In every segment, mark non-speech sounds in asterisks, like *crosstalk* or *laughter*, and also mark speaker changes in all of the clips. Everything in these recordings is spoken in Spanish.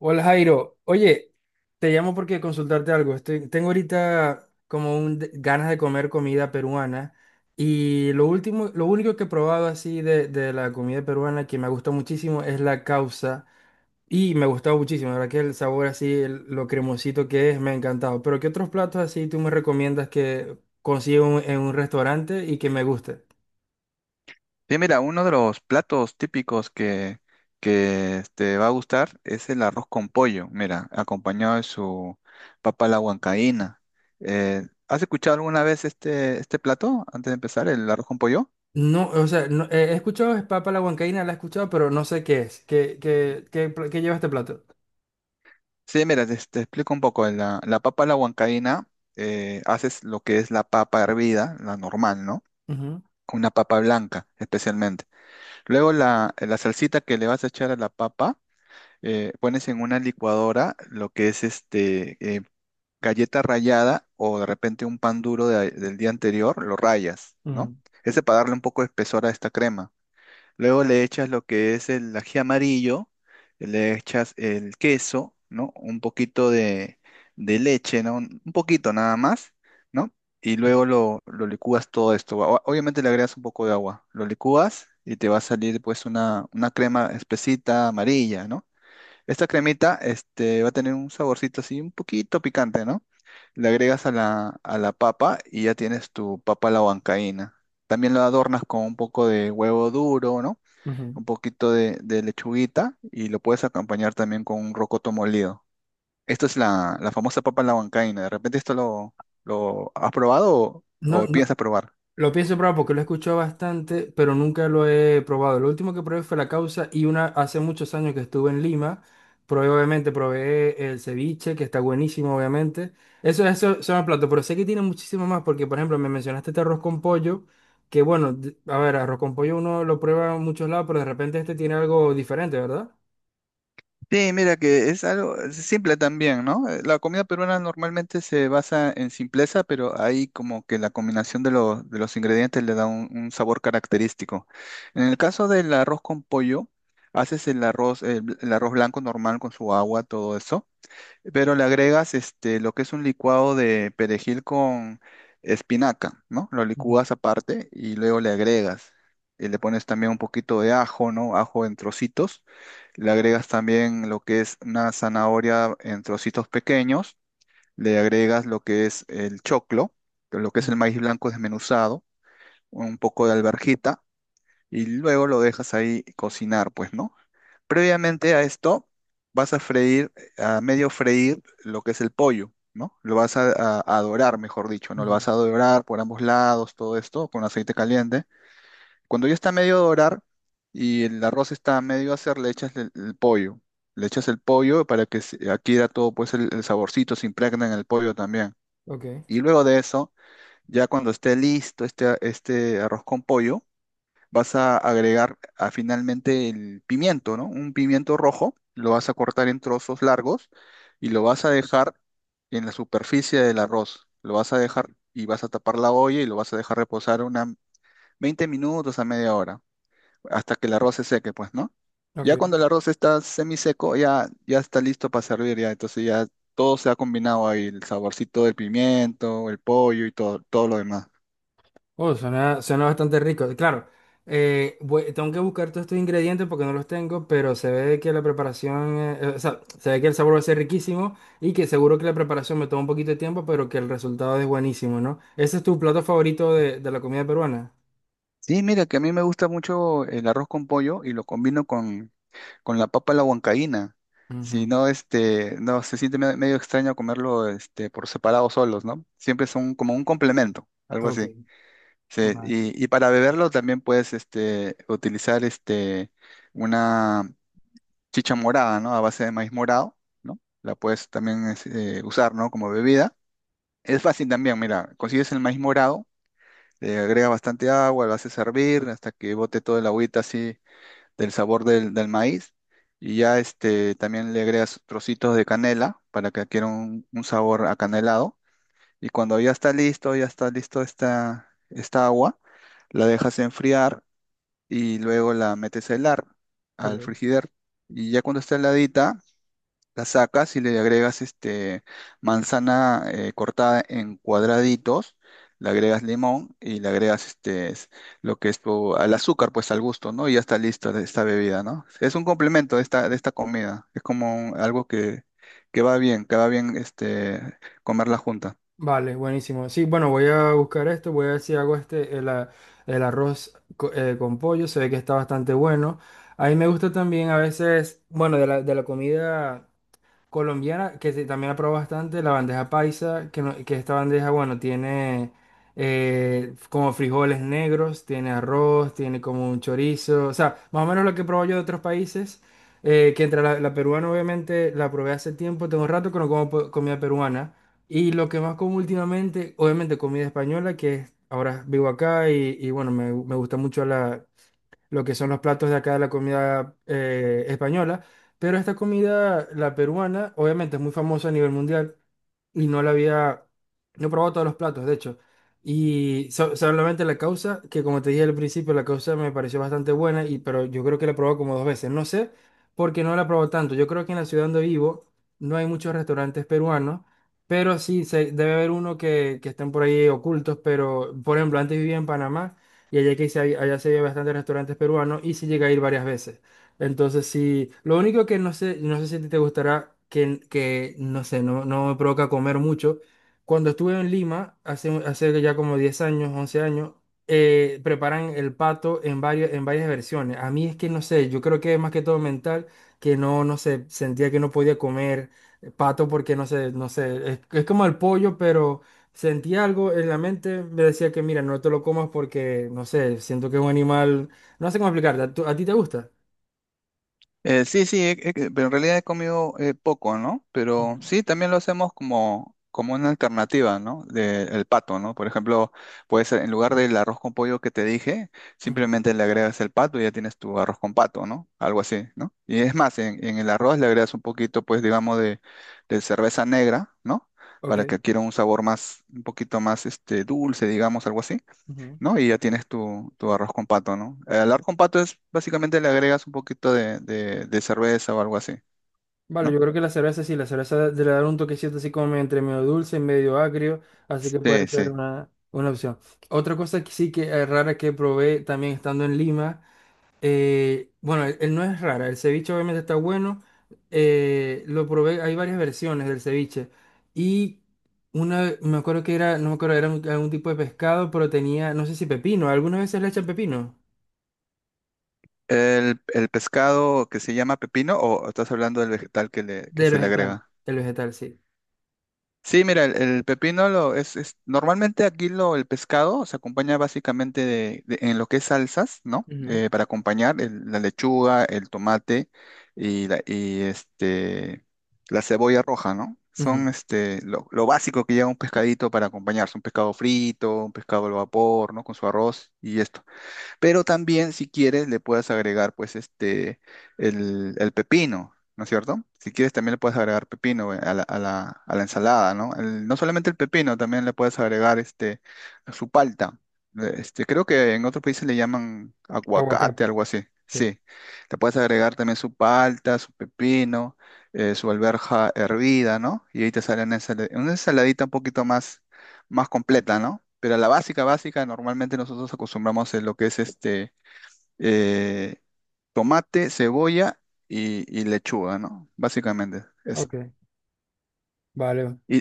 Speaker 1: Hola Jairo, oye, te llamo porque consultarte algo. Tengo ahorita como un ganas de comer comida peruana y lo último, lo único que he probado así de la comida peruana que me gusta muchísimo es la causa y me ha gustado muchísimo, la verdad que el sabor así, lo cremosito que es, me ha encantado. Pero ¿qué otros platos así tú me recomiendas que consiga en un restaurante y que me guste?
Speaker 2: Bien, mira, uno de los platos típicos que te va a gustar es el arroz con pollo, mira, acompañado de su papa a la huancaína. ¿Has escuchado alguna vez este plato antes de empezar, el arroz con pollo?
Speaker 1: No, o sea, he escuchado es papa a la huancaína, la he escuchado, pero no sé qué es. Qué lleva este plato?
Speaker 2: Sí, mira, te explico un poco. La papa a la huancaína, haces lo que es la papa hervida, la normal, ¿no? Una papa blanca, especialmente. Luego la salsita que le vas a echar a la papa, pones en una licuadora lo que es este, galleta rallada o de repente un pan duro del día anterior, lo rayas, ¿no?
Speaker 1: Mm,
Speaker 2: Ese para darle un poco de espesor a esta crema. Luego le echas lo que es el ají amarillo, le echas el queso, ¿no? Un poquito de leche, ¿no? Un poquito nada más, ¿no? Y
Speaker 1: ok.
Speaker 2: luego lo licúas todo esto. Obviamente le agregas un poco de agua. Lo licúas y te va a salir pues una crema espesita amarilla, ¿no? Esta cremita, este, va a tener un saborcito así un poquito picante, ¿no? Le agregas a a la papa y ya tienes tu papa a la huancaína. También lo adornas con un poco de huevo duro, ¿no?
Speaker 1: Ujú.
Speaker 2: Un poquito de lechuguita y lo puedes acompañar también con un rocoto molido. Esto es la famosa papa a la huancaína. ¿De repente esto lo has probado
Speaker 1: No,
Speaker 2: o
Speaker 1: no,
Speaker 2: piensas probar?
Speaker 1: lo pienso probar porque lo he escuchado bastante, pero nunca lo he probado. Lo último que probé fue la causa y una hace muchos años que estuve en Lima, probé obviamente, probé el ceviche, que está buenísimo, obviamente. Eso son los platos, pero sé que tiene muchísimo más porque, por ejemplo, me mencionaste este arroz con pollo, que bueno, a ver, arroz con pollo uno lo prueba en muchos lados, pero de repente este tiene algo diferente, ¿verdad?
Speaker 2: Sí, mira que es algo es simple también, ¿no? La comida peruana normalmente se basa en simpleza, pero ahí como que la combinación de, de los ingredientes le da un sabor característico. En el caso del arroz con pollo, haces el arroz, el, el arroz blanco normal con su agua, todo eso, pero le agregas este, lo que es un licuado de perejil con espinaca, ¿no? Lo
Speaker 1: Ujú,
Speaker 2: licúas aparte y luego le agregas. Y le pones también un poquito de ajo, ¿no? Ajo en trocitos le agregas también lo que es una zanahoria en trocitos pequeños. Le agregas lo que es el choclo, que lo que es el
Speaker 1: ujú,
Speaker 2: maíz blanco desmenuzado, un poco de alverjita y luego lo dejas ahí cocinar, pues, ¿no? Previamente a esto vas a freír, a medio freír lo que es el pollo, ¿no? Lo vas a, a dorar, mejor dicho, ¿no? Lo
Speaker 1: ujú.
Speaker 2: vas a dorar por ambos lados, todo esto con aceite caliente. Cuando ya está medio dorar y el arroz está medio a hacer, le echas el pollo. Le echas el pollo para que se adquiera todo pues el saborcito, se impregna en el pollo también.
Speaker 1: Ok,
Speaker 2: Y luego de eso, ya cuando esté listo este, este arroz con pollo, vas a agregar ah, finalmente el pimiento, ¿no? Un pimiento rojo, lo vas a cortar en trozos largos y lo vas a dejar en la superficie del arroz. Lo vas a dejar y vas a tapar la olla y lo vas a dejar reposar unas 20 minutos a media hora hasta que el arroz se seque, pues, ¿no? Ya
Speaker 1: ok.
Speaker 2: cuando el arroz está semiseco, ya, ya está listo para servir, ya. Entonces ya todo se ha combinado ahí, el saborcito del pimiento, el pollo y todo, todo lo demás.
Speaker 1: Oh, suena, suena bastante rico. Claro, tengo que buscar todos estos ingredientes porque no los tengo, pero se ve que la preparación, o sea, se ve que el sabor va a ser riquísimo y que seguro que la preparación me toma un poquito de tiempo, pero que el resultado es buenísimo, ¿no? ¿Ese es tu plato favorito de la comida peruana?
Speaker 2: Sí, mira, que a mí me gusta mucho el arroz con pollo y lo combino con la papa a la huancaína. Si
Speaker 1: Ujú.
Speaker 2: no, este, no, se siente medio extraño comerlo, este, por separado solos, ¿no? Siempre son como un complemento, algo
Speaker 1: Ok,
Speaker 2: así. Sí,
Speaker 1: vale,
Speaker 2: y para beberlo también puedes, este, utilizar, este, una, chicha morada, ¿no? A base de maíz morado, ¿no? La puedes también usar, ¿no? Como bebida. Es fácil también, mira, consigues el maíz morado, le agregas bastante agua, lo haces hervir hasta que bote toda la agüita así del sabor del maíz. Y ya este, también le agregas trocitos de canela para que adquiera un sabor acanelado. Y cuando ya está listo esta agua, la dejas enfriar y luego la metes a helar al
Speaker 1: ok.
Speaker 2: frigider. Y ya cuando está heladita, la sacas y le agregas este manzana cortada en cuadraditos, le agregas limón y le agregas lo que es tu, al azúcar, pues al gusto, ¿no? Y ya está listo de esta bebida, ¿no? Es un complemento de esta comida. Es como algo que va bien este comerla junta.
Speaker 1: Vale, buenísimo. Sí, bueno, voy a buscar esto, voy a ver si hago este, el con pollo, se ve que está bastante bueno. A mí me gusta también a veces, bueno, de la comida colombiana, que también la probó bastante, la bandeja paisa, que, que esta bandeja, bueno, tiene como frijoles negros, tiene arroz, tiene como un chorizo, o sea, más o menos lo que he probado yo de otros países, que entre la peruana, obviamente, la probé hace tiempo, tengo rato que no como comida peruana, y lo que más como últimamente, obviamente, comida española, ahora vivo acá y bueno, me gusta mucho lo que son los platos de acá de la comida española, pero esta comida, la peruana, obviamente es muy famosa a nivel mundial y no he probado todos los platos, de hecho. Y solamente la causa, que como te dije al principio, la causa me pareció bastante buena, y, pero yo creo que la he probado como dos veces. No sé por qué no la he probado tanto. Yo creo que en la ciudad donde vivo no hay muchos restaurantes peruanos, pero sí debe haber uno que estén por ahí ocultos, pero por ejemplo, antes vivía en Panamá y allá, allá se había bastantes restaurantes peruanos y sí llegué a ir varias veces. Entonces, sí, lo único que no sé, no sé si a ti te gustará, que no sé, no, no me provoca comer mucho. Cuando estuve en Lima, hace, hace ya como 10 años, 11 años, preparan el pato en varias versiones. A mí es que no sé, yo creo que es más que todo mental, que no, no sé, sentía que no podía comer pato porque no sé, no sé, es como el pollo, pero sentía algo en la mente, me decía que mira, no te lo comas porque, no sé, siento que es un animal, no sé cómo explicarte, ¿a, a ti te gusta?
Speaker 2: Sí, sí, pero en realidad he comido poco, ¿no?
Speaker 1: Ujú,
Speaker 2: Pero sí, también lo hacemos como, como una alternativa, ¿no? De, el pato, ¿no? Por ejemplo, puedes, en lugar del arroz con pollo que te dije,
Speaker 1: ujú,
Speaker 2: simplemente le agregas el pato y ya tienes tu arroz con pato, ¿no? Algo así, ¿no? Y es más, en el arroz le agregas un poquito, pues, digamos, de cerveza negra, ¿no?
Speaker 1: Ok.
Speaker 2: Para que adquiera un sabor más, un poquito más, este, dulce, digamos, algo así.
Speaker 1: ujú.
Speaker 2: ¿No? Y ya tienes tu, tu arroz con pato, ¿no? El arroz con pato es básicamente le agregas un poquito de, de cerveza o algo así,
Speaker 1: Vale,
Speaker 2: ¿no?
Speaker 1: yo creo que la cerveza sí, la cerveza le dar un toquecito así como entre medio dulce y medio agrio, así que puede
Speaker 2: Sí,
Speaker 1: ser
Speaker 2: sí.
Speaker 1: una opción. Otra cosa que sí que es rara que probé también estando en Lima, bueno, él no es rara, el ceviche obviamente está bueno, lo probé, hay varias versiones del ceviche y una, me acuerdo que era, no me acuerdo, era algún tipo de pescado, pero tenía, no sé si pepino, algunas veces le echan pepino,
Speaker 2: El pescado que se llama pepino o estás hablando del vegetal que, le, que
Speaker 1: del
Speaker 2: se le
Speaker 1: vegetal,
Speaker 2: agrega.
Speaker 1: del vegetal, sí.
Speaker 2: Sí, mira, el pepino lo es, normalmente aquí lo el pescado se acompaña básicamente de, en lo que es salsas, ¿no? Para acompañar la lechuga, el tomate y y este la cebolla roja, ¿no?
Speaker 1: Ujú.
Speaker 2: Son este lo básico que lleva un pescadito para acompañarse, un pescado frito, un pescado al vapor, ¿no? Con su arroz y es pero también, si quieres, le puedes agregar, pues, este, el pepino, ¿no es cierto? Si quieres, también le puedes agregar pepino a a la ensalada, ¿no? No solamente el pepino, también le puedes agregar, este, su palta. Este, creo que en otros países le llaman aguacate,
Speaker 1: Aguacate,
Speaker 2: algo así.
Speaker 1: sí.
Speaker 2: Sí, le puedes agregar también su palta, su pepino, su alberja hervida, ¿no? Y ahí te sale una una ensaladita un poquito más más completa, ¿no? Pero la básica, básica, normalmente nosotros acostumbramos en lo que es este eh, tomate, cebolla y lechuga, ¿no? Básicamente eso.
Speaker 1: Ok, vale.
Speaker 2: Y,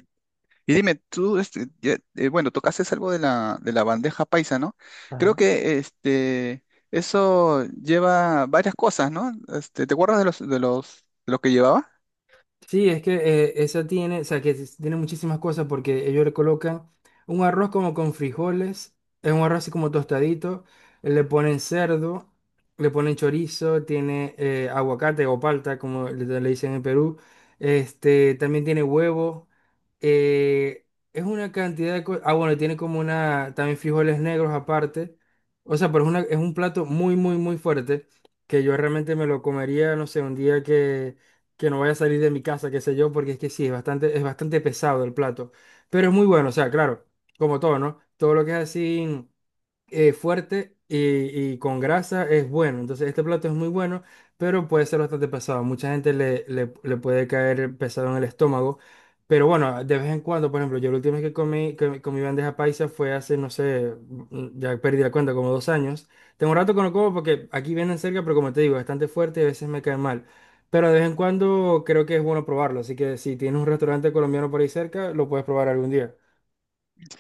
Speaker 2: y dime, tú, este, bueno, tocaste algo de de la bandeja paisa, ¿no? Creo
Speaker 1: Ajá.
Speaker 2: que este, eso lleva varias cosas, ¿no? Este, ¿te acuerdas de de lo que llevaba?
Speaker 1: Sí, es que esa tiene, o sea, tiene muchísimas cosas porque ellos le colocan un arroz como con frijoles, es un arroz así como tostadito, le ponen cerdo, le ponen chorizo, tiene aguacate o palta, como le dicen en Perú, este, también tiene huevo, eh, es una cantidad de cosas, ah, bueno, tiene como una, también frijoles negros aparte, o sea, pero es, una, es un plato muy fuerte que yo realmente me lo comería, no sé, un día que no vaya a salir de mi casa, qué sé yo, porque es que sí, es bastante pesado el plato. Pero es muy bueno, o sea, claro, como todo, ¿no? Todo lo que es así fuerte y con grasa es bueno. Entonces, este plato es muy bueno, pero puede ser bastante pesado. Mucha gente le puede caer pesado en el estómago. Pero bueno, de vez en cuando, por ejemplo, yo la última vez que comí bandeja paisa fue hace, no sé, ya perdí la cuenta, como 2 años. Tengo un rato que no como porque aquí vienen cerca, pero como te digo, es bastante fuerte y a veces me cae mal. Pero de vez en cuando creo que es bueno probarlo. Así que si tienes un restaurante colombiano por ahí cerca, lo puedes probar algún día.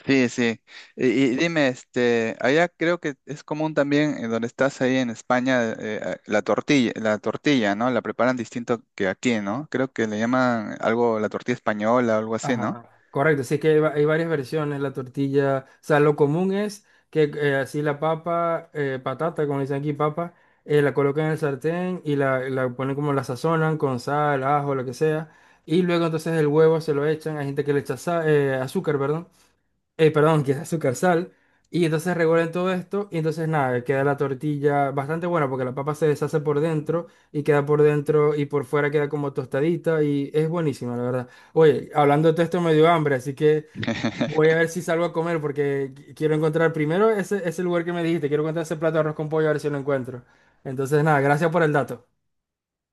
Speaker 2: Sí, sí. Y dime, este, allá creo que es común también donde estás ahí en España, la tortilla, ¿no? La preparan distinto que aquí, ¿no? Creo que le llaman algo la tortilla española o algo así, ¿no?
Speaker 1: Ajá, correcto, sí que hay, hay varias versiones, la tortilla, o sea, lo común es que así la papa, patata, como dicen aquí, papa, la colocan en el sartén y la ponen como la sazonan con sal, ajo, lo que sea, y luego entonces el huevo se lo echan, hay gente que le echa azúcar, perdón, perdón, que es azúcar, sal. Y entonces revuelven todo esto y entonces nada, queda la tortilla bastante buena porque la papa se deshace por dentro y queda por dentro y por fuera queda como tostadita y es buenísima, la verdad. Oye, hablando de todo esto me dio hambre, así que voy a
Speaker 2: *laughs*
Speaker 1: ver si salgo a comer porque quiero encontrar primero ese, ese lugar que me dijiste, quiero encontrar ese plato de arroz con pollo a ver si lo encuentro. Entonces nada, gracias por el dato.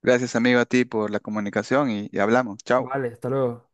Speaker 2: Gracias, amigo, a ti por la comunicación y hablamos. Chao.
Speaker 1: Vale, hasta luego.